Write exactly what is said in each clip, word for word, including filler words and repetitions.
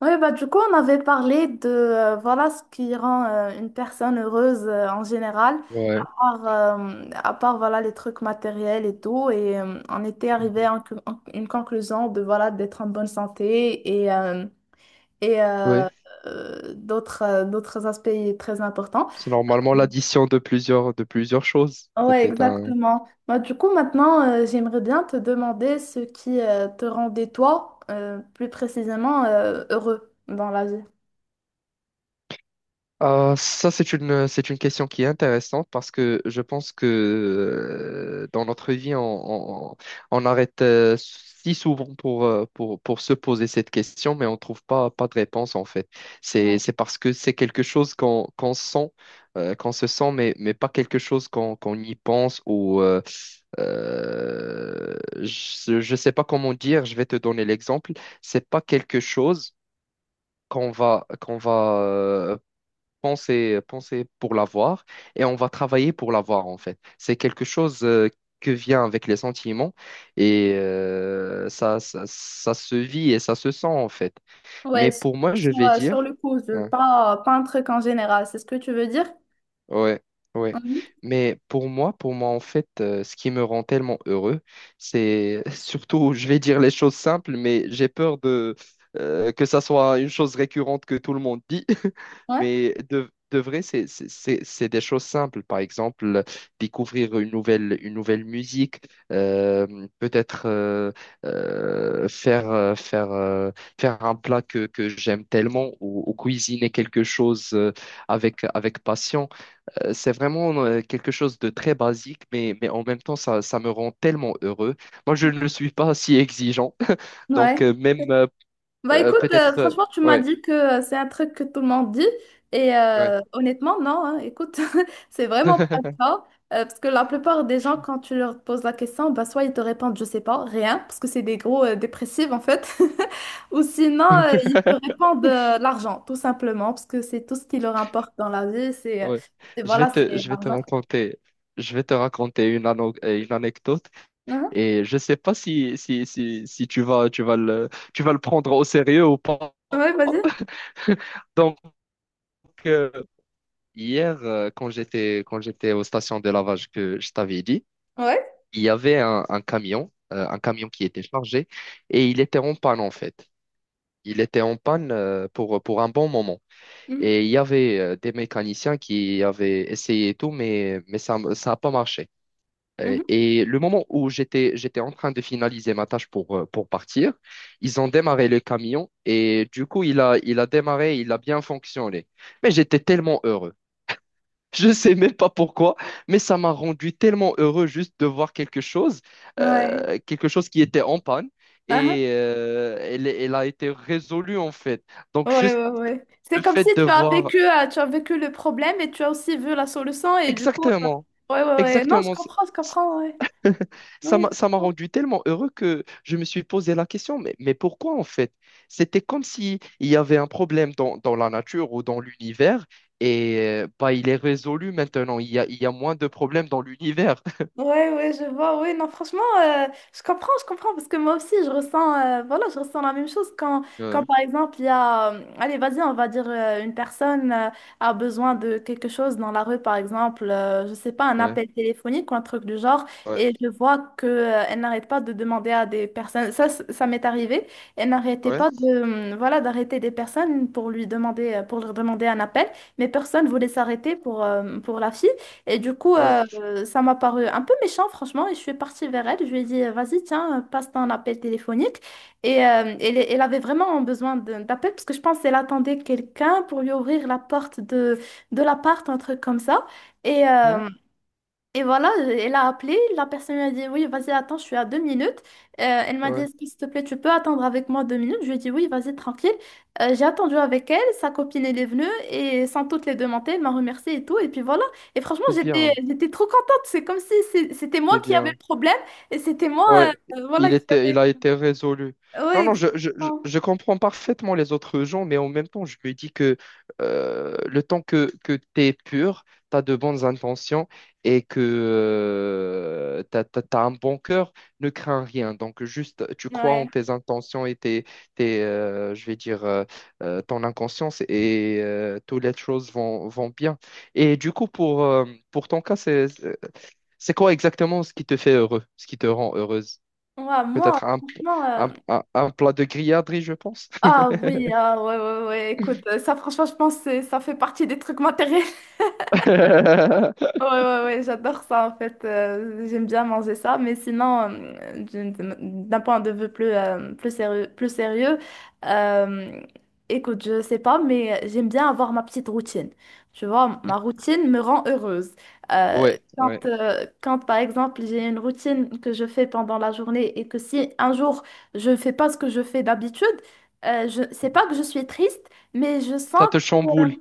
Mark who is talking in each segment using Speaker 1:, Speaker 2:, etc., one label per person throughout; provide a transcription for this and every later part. Speaker 1: Oui, bah, du coup, on avait parlé de euh, voilà ce qui rend euh, une personne heureuse euh, en général, à
Speaker 2: Ouais,
Speaker 1: part, euh, à part voilà, les trucs matériels et tout. Et euh, on était arrivé
Speaker 2: mhm.
Speaker 1: à un- en- une conclusion de voilà d'être en bonne santé et, euh, et euh,
Speaker 2: Ouais.
Speaker 1: euh, d'autres euh, d'autres aspects très importants.
Speaker 2: C'est normalement l'addition de plusieurs de plusieurs choses.
Speaker 1: Ouais,
Speaker 2: C'était un.
Speaker 1: exactement. Bah, du coup, maintenant, euh, j'aimerais bien te demander ce qui euh, te rendait toi euh, plus précisément euh, heureux dans la vie.
Speaker 2: Ah, ça, c'est une c'est une question qui est intéressante parce que je pense que euh, dans notre vie, on, on, on arrête euh, si souvent pour, euh, pour pour se poser cette question, mais on ne trouve pas pas de réponse en fait. C'est
Speaker 1: Ouais.
Speaker 2: c'est parce que c'est quelque chose qu'on qu'on sent, euh, qu'on se sent, mais mais pas quelque chose qu'on qu'on y pense ou euh, Euh, je ne sais pas comment dire, je vais te donner l'exemple. C'est pas quelque chose qu'on va, qu'on va euh, penser, penser pour l'avoir et on va travailler pour l'avoir en fait. C'est quelque chose euh, que vient avec les sentiments et euh, ça, ça, ça se vit et ça se sent en fait.
Speaker 1: Ouais,
Speaker 2: Mais
Speaker 1: sur,
Speaker 2: pour moi, je
Speaker 1: sur,
Speaker 2: vais
Speaker 1: euh, sur
Speaker 2: dire.
Speaker 1: le coup, je
Speaker 2: Hein.
Speaker 1: pas, pas un truc en général, c'est ce que tu veux dire?
Speaker 2: Ouais, ouais.
Speaker 1: Mhm.
Speaker 2: Mais pour moi, pour moi, en fait, euh, ce qui me rend tellement heureux, c'est surtout, je vais dire les choses simples, mais j'ai peur de euh, que ça soit une chose récurrente que tout le monde dit.
Speaker 1: Ouais.
Speaker 2: Mais de, de vrai, c'est c'est- c'est- c'est des choses simples. Par exemple, découvrir une nouvelle, une nouvelle musique, euh, peut-être euh, euh, faire, euh, faire, euh, faire un plat que, que j'aime tellement ou, ou cuisiner quelque chose euh, avec, avec passion. Euh, C'est vraiment euh, quelque chose de très basique, mais, mais en même temps, ça, ça me rend tellement heureux. Moi, je ne suis pas si exigeant. Donc,
Speaker 1: Ouais.
Speaker 2: euh, même euh,
Speaker 1: Bah
Speaker 2: euh,
Speaker 1: écoute, euh,
Speaker 2: peut-être. Euh,
Speaker 1: franchement, tu m'as
Speaker 2: ouais,
Speaker 1: dit que euh, c'est un truc que tout le monde dit. Et
Speaker 2: ouais.
Speaker 1: euh, honnêtement, non, hein, écoute, c'est vraiment pas le cas. Euh, parce que la plupart des gens, quand tu leur poses la question, bah, soit ils te répondent, je sais pas, rien, parce que c'est des gros euh, dépressifs en fait. Ou sinon, euh, ils te répondent euh, l'argent, tout simplement, parce que c'est tout ce qui leur importe dans la vie. C'est, euh,
Speaker 2: Ouais.
Speaker 1: c'est
Speaker 2: Je vais
Speaker 1: voilà,
Speaker 2: te,
Speaker 1: c'est
Speaker 2: je vais te
Speaker 1: l'argent.
Speaker 2: raconter, je vais te raconter une, ano- euh, une anecdote
Speaker 1: Mhm.
Speaker 2: et je sais pas si, si, si, si tu vas, tu vas le, tu vas le prendre au sérieux ou pas.
Speaker 1: Ouais, vas-y.
Speaker 2: Donc, euh, hier, euh, quand j'étais, quand j'étais aux stations de lavage que je t'avais dit,
Speaker 1: Ouais.
Speaker 2: il y avait un, un camion, euh, un camion qui était chargé, et il était en panne en fait. Il était en panne euh, pour, pour un bon moment.
Speaker 1: Mhm,
Speaker 2: Et il y avait euh, des mécaniciens qui avaient essayé et tout, mais, mais ça ça n'a pas marché. Euh,
Speaker 1: mhm.
Speaker 2: Et le moment où j'étais, j'étais en train de finaliser ma tâche pour, euh, pour partir, ils ont démarré le camion et du coup, il a, il a démarré, il a bien fonctionné. Mais j'étais tellement heureux. Je sais même pas pourquoi, mais ça m'a rendu tellement heureux juste de voir quelque chose,
Speaker 1: Ouais.
Speaker 2: euh, quelque chose qui était en panne
Speaker 1: Ah,
Speaker 2: et euh, elle, elle a été résolue en fait. Donc
Speaker 1: ah. Ouais,
Speaker 2: juste
Speaker 1: ouais, ouais.
Speaker 2: le
Speaker 1: C'est comme si
Speaker 2: fait de
Speaker 1: tu as
Speaker 2: voir
Speaker 1: vécu, euh, tu as vécu le problème et tu as aussi vu la solution et du coup, euh,
Speaker 2: exactement,
Speaker 1: ouais, ouais, ouais. Non, je
Speaker 2: exactement, c-
Speaker 1: comprends, je
Speaker 2: c-
Speaker 1: comprends, ouais.
Speaker 2: ça
Speaker 1: Oui,
Speaker 2: m'a
Speaker 1: je
Speaker 2: ça m'a
Speaker 1: comprends.
Speaker 2: rendu tellement heureux que je me suis posé la question, mais, mais pourquoi en fait? C'était comme si il y avait un problème dans, dans la nature ou dans l'univers et euh, bah, il est résolu maintenant. Il y a, il y a moins de problèmes dans l'univers.
Speaker 1: Ouais, ouais, je vois, ouais, non, franchement, euh, je comprends, je comprends, parce que moi aussi, je ressens, euh, voilà, je ressens la même chose quand, quand
Speaker 2: Ouais,
Speaker 1: par exemple, il y a, euh, allez, vas-y, on va dire, euh, une personne euh, a besoin de quelque chose dans la rue, par exemple, euh, je sais pas, un
Speaker 2: ouais,
Speaker 1: appel téléphonique ou un truc du genre,
Speaker 2: ouais.
Speaker 1: et je vois que, euh, elle n'arrête pas de demander à des personnes, ça, c- ça m'est arrivé, elle n'arrêtait
Speaker 2: Ouais,
Speaker 1: pas de, euh, voilà, d'arrêter des personnes pour lui demander, euh, pour leur demander un appel, mais personne voulait s'arrêter pour, euh, pour la fille. Et du coup,
Speaker 2: ouais,
Speaker 1: euh, ça m'a paru un peu méchant, franchement, et je suis partie vers elle. Je lui ai dit, euh, vas-y, tiens, euh, passe ton appel téléphonique. Et euh, elle, elle avait vraiment besoin de- d'appel parce que je pense qu'elle attendait quelqu'un pour lui ouvrir la porte de, de l'appart, un truc comme ça. Et,
Speaker 2: hmm,
Speaker 1: euh, et voilà, elle a appelé, la personne lui a dit, oui, vas-y, attends, je suis à deux minutes. Euh, elle m'a dit,
Speaker 2: ouais.
Speaker 1: est-ce que, s'il te plaît, tu peux attendre avec moi deux minutes? Je lui ai dit, oui, vas-y, tranquille. Euh, j'ai attendu avec elle, sa copine, elle est venue, et sans toutes les demander, elle m'a remerciée et tout. Et puis voilà, et franchement,
Speaker 2: C'est
Speaker 1: j'étais,
Speaker 2: bien,
Speaker 1: j'étais trop contente. C'est comme si c'est- c'était moi
Speaker 2: c'est
Speaker 1: qui avais
Speaker 2: bien.
Speaker 1: le problème, et c'était moi,
Speaker 2: Ouais,
Speaker 1: euh, voilà,
Speaker 2: il
Speaker 1: qui
Speaker 2: était,
Speaker 1: avait...
Speaker 2: il a été résolu. Non,
Speaker 1: Ouais,
Speaker 2: non, je, je, je
Speaker 1: exactement.
Speaker 2: je comprends parfaitement les autres gens, mais en même temps, je me dis que euh, le temps que, que tu es pur, tu as de bonnes intentions et que euh, tu as un bon cœur, ne crains rien. Donc, juste, tu crois en
Speaker 1: Ouais.
Speaker 2: tes intentions et tes, tes, euh, je vais dire, euh, euh, ton inconscience et euh, toutes les choses vont, vont bien. Et du coup, pour, euh, pour ton cas, c'est, c'est quoi exactement ce qui te fait heureux, ce qui te rend heureuse?
Speaker 1: Ouais, moi,
Speaker 2: Peut-être un,
Speaker 1: franchement... euh,
Speaker 2: un, un- un plat de grilladerie, je pense.
Speaker 1: Ah oui, ah ouais, ouais, ouais, écoute, euh, ça franchement, je pense que c'est- ça fait partie des trucs matériels. Ouais, ouais, ouais, j'adore ça en fait. Euh, j'aime bien manger ça. Mais sinon, euh, d'une- d'un point de vue plus, euh, plus sérieux, plus sérieux euh, écoute, je sais pas, mais j'aime bien avoir ma petite routine. Tu vois, ma routine me rend heureuse. Euh,
Speaker 2: Ouais, ouais.
Speaker 1: quand, euh, quand par exemple, j'ai une routine que je fais pendant la journée et que si un jour je ne fais pas ce que je fais d'habitude, euh, je sais pas que je suis triste, mais je sens.
Speaker 2: Ça te chamboule,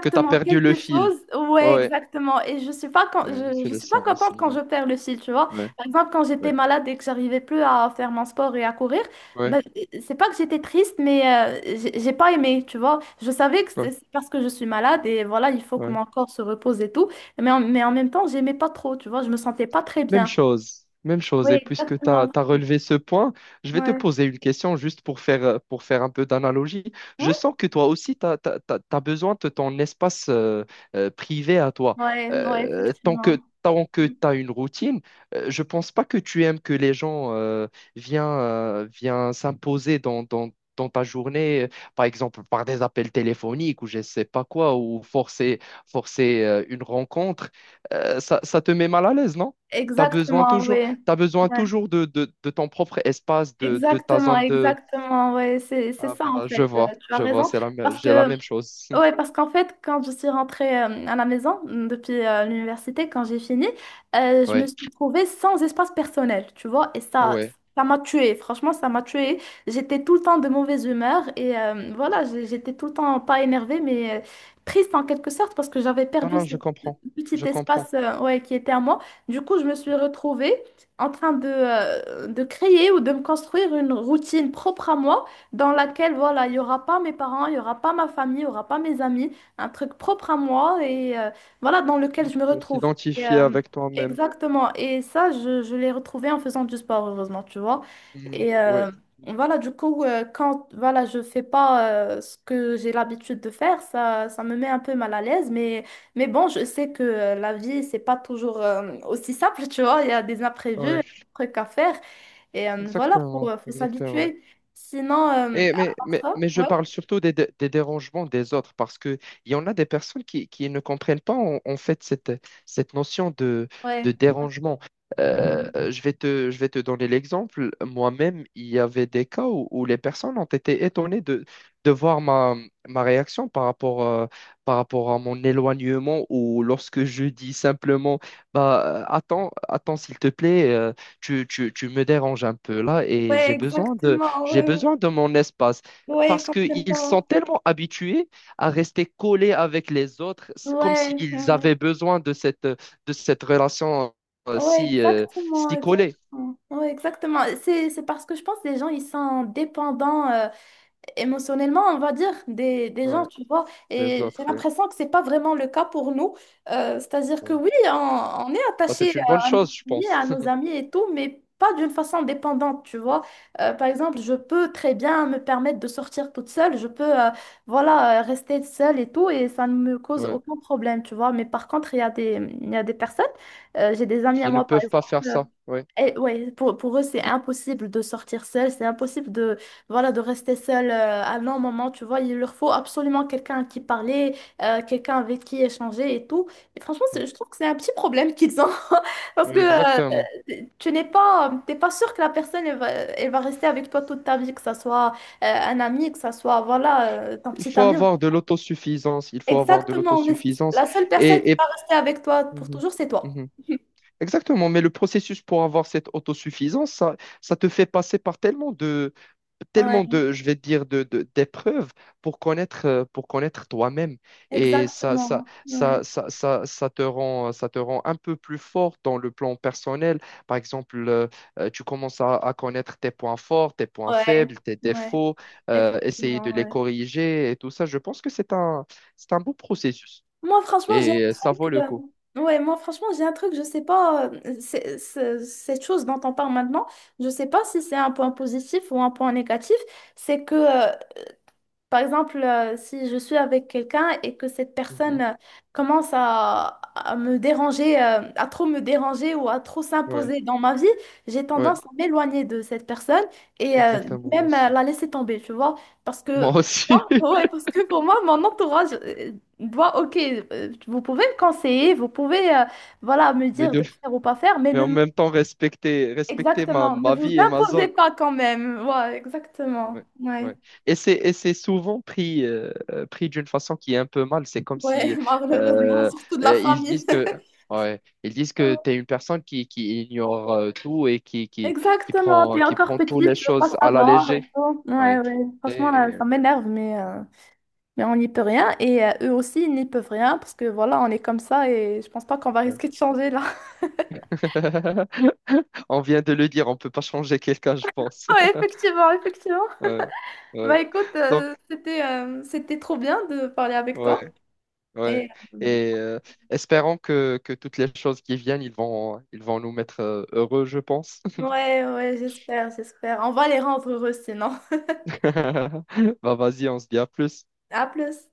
Speaker 2: que t'as perdu le
Speaker 1: quelque
Speaker 2: fil.
Speaker 1: chose, ouais,
Speaker 2: Ouais,
Speaker 1: exactement. Et je suis pas, quand
Speaker 2: ouais,
Speaker 1: je,
Speaker 2: je
Speaker 1: je
Speaker 2: le
Speaker 1: suis pas
Speaker 2: sens
Speaker 1: contente
Speaker 2: aussi.
Speaker 1: quand
Speaker 2: Ouais,
Speaker 1: je perds le fil, tu vois.
Speaker 2: ouais,
Speaker 1: Par exemple, quand j'étais
Speaker 2: ouais,
Speaker 1: malade et que j'arrivais plus à faire mon sport et à courir,
Speaker 2: ouais,
Speaker 1: bah, c'est pas que j'étais triste, mais euh, j'ai j'ai pas aimé, tu vois. Je savais que c'est
Speaker 2: ouais,
Speaker 1: c'est parce que je suis malade et voilà, il faut que
Speaker 2: ouais.
Speaker 1: mon corps se repose et tout. Mais en, mais en même temps, j'aimais pas trop, tu vois. Je me sentais pas très
Speaker 2: Même
Speaker 1: bien.
Speaker 2: chose, même
Speaker 1: Oui,
Speaker 2: chose. Et puisque tu as
Speaker 1: exactement.
Speaker 2: relevé ce point, je vais te
Speaker 1: Ouais,
Speaker 2: poser une question juste pour faire, euh, pour faire un peu d'analogie. Je
Speaker 1: ouais,
Speaker 2: sens que toi aussi, tu as besoin de ton espace euh, euh, privé à toi.
Speaker 1: ouais, ouais,
Speaker 2: Euh, tant
Speaker 1: effectivement.
Speaker 2: que, tant que tu as une routine, euh, je pense pas que tu aimes que les gens euh, viennent, euh, viennent s'imposer dans, dans, dans ta journée, euh, par exemple par des appels téléphoniques ou je sais pas quoi, ou forcer, forcer euh, une rencontre. Euh, ça, ça te met mal à l'aise, non? Tu as besoin
Speaker 1: Exactement,
Speaker 2: toujours,
Speaker 1: oui.
Speaker 2: t'as besoin
Speaker 1: Ouais.
Speaker 2: toujours de, de, de ton propre espace, de, de ta
Speaker 1: Exactement,
Speaker 2: zone de.
Speaker 1: exactement, ouais, c'est c'est
Speaker 2: Ah
Speaker 1: ça en
Speaker 2: bah, je
Speaker 1: fait, euh,
Speaker 2: vois,
Speaker 1: tu as
Speaker 2: je vois,
Speaker 1: raison,
Speaker 2: c'est la, mê-
Speaker 1: parce
Speaker 2: j'ai la
Speaker 1: que
Speaker 2: même chose.
Speaker 1: ouais, parce qu'en fait, quand je suis rentrée euh, à la maison euh, depuis euh, l'université, quand j'ai fini, euh, je me
Speaker 2: Ouais,
Speaker 1: suis trouvée sans espace personnel, tu vois, et ça,
Speaker 2: ouais.
Speaker 1: ça m'a tuée. Franchement, ça m'a tuée. J'étais tout le temps de mauvaise humeur et euh, voilà, j'ai- j'étais tout le temps pas énervée, mais euh, triste en quelque sorte parce que j'avais
Speaker 2: Non,
Speaker 1: perdu
Speaker 2: non,
Speaker 1: ce
Speaker 2: je comprends,
Speaker 1: petit
Speaker 2: je comprends.
Speaker 1: espace euh, ouais, qui était à moi. Du coup, je me suis retrouvée en train de, euh, de créer ou de me construire une routine propre à moi dans laquelle, voilà, il n'y aura pas mes parents, il n'y aura pas ma famille, il n'y aura pas mes amis, un truc propre à moi et euh, voilà, dans lequel je me
Speaker 2: On
Speaker 1: retrouve. Et,
Speaker 2: s'identifie
Speaker 1: euh,
Speaker 2: avec toi-même.
Speaker 1: Exactement. Et ça, je, je l'ai retrouvé en faisant du sport, heureusement, tu vois.
Speaker 2: Mm,
Speaker 1: Et
Speaker 2: ouais,
Speaker 1: euh, voilà, du coup, euh, quand voilà, je fais pas euh, ce que j'ai l'habitude de faire, ça, ça me met un peu mal à l'aise, mais. Mais bon, je sais que euh, la vie, c'est pas toujours euh, aussi simple, tu vois. Il y a des imprévus,
Speaker 2: ouais,
Speaker 1: des trucs à faire. Et euh, voilà, faut,
Speaker 2: exactement,
Speaker 1: euh, faut
Speaker 2: exactement.
Speaker 1: s'habituer. Sinon, euh,
Speaker 2: Mais, mais,
Speaker 1: à part
Speaker 2: mais,
Speaker 1: ça,
Speaker 2: mais je
Speaker 1: ouais,
Speaker 2: parle surtout des, dé- des dérangements des autres parce qu'il y en a des personnes qui, qui ne comprennent pas en, en fait cette, cette notion de, de
Speaker 1: ouais,
Speaker 2: dérangement. Euh, je vais te, je vais te donner l'exemple. Moi-même, il y avait des cas où, où les personnes ont été étonnées de, de voir ma, ma réaction par rapport, euh, par rapport à mon éloignement, ou lorsque je dis simplement bah, euh, attends, attends, s'il te plaît, euh, tu, tu, tu me déranges un peu là et
Speaker 1: ouais,
Speaker 2: j'ai besoin de
Speaker 1: exactement,
Speaker 2: j'ai
Speaker 1: ouais, ouais,
Speaker 2: besoin de mon espace,
Speaker 1: ouais, ils
Speaker 2: parce
Speaker 1: comprennent
Speaker 2: qu'ils
Speaker 1: pas.
Speaker 2: sont tellement habitués à rester collés avec les autres. C'est comme
Speaker 1: Ouais,
Speaker 2: s'ils
Speaker 1: ouais,
Speaker 2: avaient besoin de cette, de cette relation euh,
Speaker 1: ouais,
Speaker 2: si, euh,
Speaker 1: exactement,
Speaker 2: si
Speaker 1: exactement.
Speaker 2: collée,
Speaker 1: Ouais, exactement. C'est, c'est parce que je pense que les gens, ils sont dépendants euh, émotionnellement, on va dire, des, des gens,
Speaker 2: ouais,
Speaker 1: tu vois.
Speaker 2: des
Speaker 1: Et j'ai
Speaker 2: autres. Ouais,
Speaker 1: l'impression que c'est pas vraiment le cas pour nous. Euh, c'est-à-dire que
Speaker 2: ouais.
Speaker 1: oui, on, on est
Speaker 2: Bah,
Speaker 1: attaché
Speaker 2: c'est une bonne
Speaker 1: à, à nos
Speaker 2: chose, je
Speaker 1: amis,
Speaker 2: pense,
Speaker 1: à nos amis et tout, mais pas d'une façon dépendante, tu vois. Euh, par exemple, je peux très bien me permettre de sortir toute seule, je peux, euh, voilà, euh, rester seule et tout, et ça ne me cause
Speaker 2: ouais.
Speaker 1: aucun problème, tu vois. Mais par contre, il y a des, il y a des personnes, euh, j'ai des amis à
Speaker 2: Qui ne
Speaker 1: moi, par
Speaker 2: peuvent pas faire
Speaker 1: exemple.
Speaker 2: ça. Ouais,
Speaker 1: Et ouais, pour, pour eux, c'est impossible de sortir seul, c'est impossible de, voilà, de rester seul euh, à un long moment, tu vois. Il leur faut absolument quelqu'un à qui parler, euh, quelqu'un avec qui échanger et tout. Et franchement, c'est-
Speaker 2: ouais.
Speaker 1: je trouve que c'est un petit problème qu'ils ont parce
Speaker 2: Ouais,
Speaker 1: que euh,
Speaker 2: exactement.
Speaker 1: tu n'es pas, t'es pas sûr que la personne, elle va, elle va rester avec toi toute ta vie, que ça soit euh, un ami, que ça soit, voilà, euh, ton
Speaker 2: Il
Speaker 1: petit
Speaker 2: faut
Speaker 1: ami.
Speaker 2: avoir de l'autosuffisance. Il faut avoir de
Speaker 1: Exactement, mais c'est-
Speaker 2: l'autosuffisance.
Speaker 1: la seule personne qui
Speaker 2: Et, et...
Speaker 1: va rester avec toi pour
Speaker 2: Mhm.
Speaker 1: toujours, c'est toi.
Speaker 2: Mhm. Exactement, mais le processus pour avoir cette autosuffisance, ça, ça te fait passer par tellement de,
Speaker 1: Ouais,
Speaker 2: tellement de, je vais dire, de, de- d'épreuves pour connaître, euh, pour connaître toi-même. Et ça, ça,
Speaker 1: exactement. Ouais,
Speaker 2: ça, ça, ça, ça te rend, ça te rend un peu plus fort dans le plan personnel. Par exemple, euh, euh, tu commences à, à connaître tes points forts, tes points
Speaker 1: ouais.
Speaker 2: faibles, tes
Speaker 1: Ouais.
Speaker 2: défauts, euh, essayer de
Speaker 1: Effectivement,
Speaker 2: les
Speaker 1: ouais.
Speaker 2: corriger et tout ça. Je pense que c'est un, c'est un beau processus
Speaker 1: Moi, franchement, j'ai
Speaker 2: et
Speaker 1: un
Speaker 2: euh, ça
Speaker 1: truc.
Speaker 2: vaut le
Speaker 1: euh,
Speaker 2: coup.
Speaker 1: Ouais, moi, franchement, j'ai un truc, je sais pas. Euh, c'est- c'est- cette chose dont on parle maintenant, je sais pas si c'est un point positif ou un point négatif. C'est que euh, par exemple, euh, si je suis avec quelqu'un et que cette personne
Speaker 2: Mhm.
Speaker 1: euh, commence à, à me déranger, euh, à trop me déranger ou à trop
Speaker 2: Ouais,
Speaker 1: s'imposer dans ma vie, j'ai
Speaker 2: ouais.
Speaker 1: tendance à m'éloigner de cette personne et euh,
Speaker 2: Exactement, moi
Speaker 1: même euh,
Speaker 2: aussi.
Speaker 1: la laisser tomber, tu vois. Parce
Speaker 2: Moi
Speaker 1: que,
Speaker 2: aussi.
Speaker 1: oh, ouais, parce que pour moi, mon entourage euh, doit, ok, euh, vous pouvez me conseiller, vous pouvez, euh, voilà, me
Speaker 2: Mais,
Speaker 1: dire
Speaker 2: de-
Speaker 1: de faire ou pas faire, mais
Speaker 2: mais
Speaker 1: ne,
Speaker 2: en
Speaker 1: m-
Speaker 2: même temps, respecter, respecter ma,
Speaker 1: exactement, ne
Speaker 2: ma
Speaker 1: vous
Speaker 2: vie et ma
Speaker 1: imposez
Speaker 2: zone.
Speaker 1: pas quand même. Ouais,
Speaker 2: Ouais,
Speaker 1: exactement. Ouais.
Speaker 2: ouais. Et c'est, et c'est souvent pris, euh, euh, pris d'une façon qui est un peu mal. C'est comme
Speaker 1: Ouais,
Speaker 2: si
Speaker 1: malheureusement,
Speaker 2: euh,
Speaker 1: surtout de la
Speaker 2: euh, ils
Speaker 1: famille.
Speaker 2: disent que, ouais, ils disent que tu es une personne qui, qui ignore euh, tout et qui, qui, qui
Speaker 1: Exactement,
Speaker 2: prend,
Speaker 1: t'es
Speaker 2: qui
Speaker 1: encore
Speaker 2: prend toutes
Speaker 1: petite,
Speaker 2: les
Speaker 1: tu veux pas
Speaker 2: choses à la
Speaker 1: savoir et
Speaker 2: légère.
Speaker 1: tout. Ouais,
Speaker 2: Ouais.
Speaker 1: ouais, franchement,
Speaker 2: Et,
Speaker 1: là,
Speaker 2: euh,
Speaker 1: ça m'énerve, mais, euh, mais on n'y peut rien. Et euh, eux aussi, ils n'y peuvent rien parce que voilà, on est comme ça et je pense pas qu'on va
Speaker 2: ouais.
Speaker 1: risquer de changer là.
Speaker 2: On vient de le dire, on peut pas changer quelqu'un, je pense.
Speaker 1: Ouais, effectivement, effectivement.
Speaker 2: Ouais,
Speaker 1: Bah
Speaker 2: ouais.
Speaker 1: écoute,
Speaker 2: Donc,
Speaker 1: euh, c'était euh, c'était trop bien de parler avec toi.
Speaker 2: ouais. Ouais.
Speaker 1: Et euh,
Speaker 2: Et euh, espérons que, que toutes les choses qui viennent, ils vont, ils vont nous mettre euh, heureux, je pense.
Speaker 1: ouais, ouais, j'espère, j'espère. On va les rendre heureux sinon.
Speaker 2: Bah, vas-y, on se dit à plus.
Speaker 1: À plus.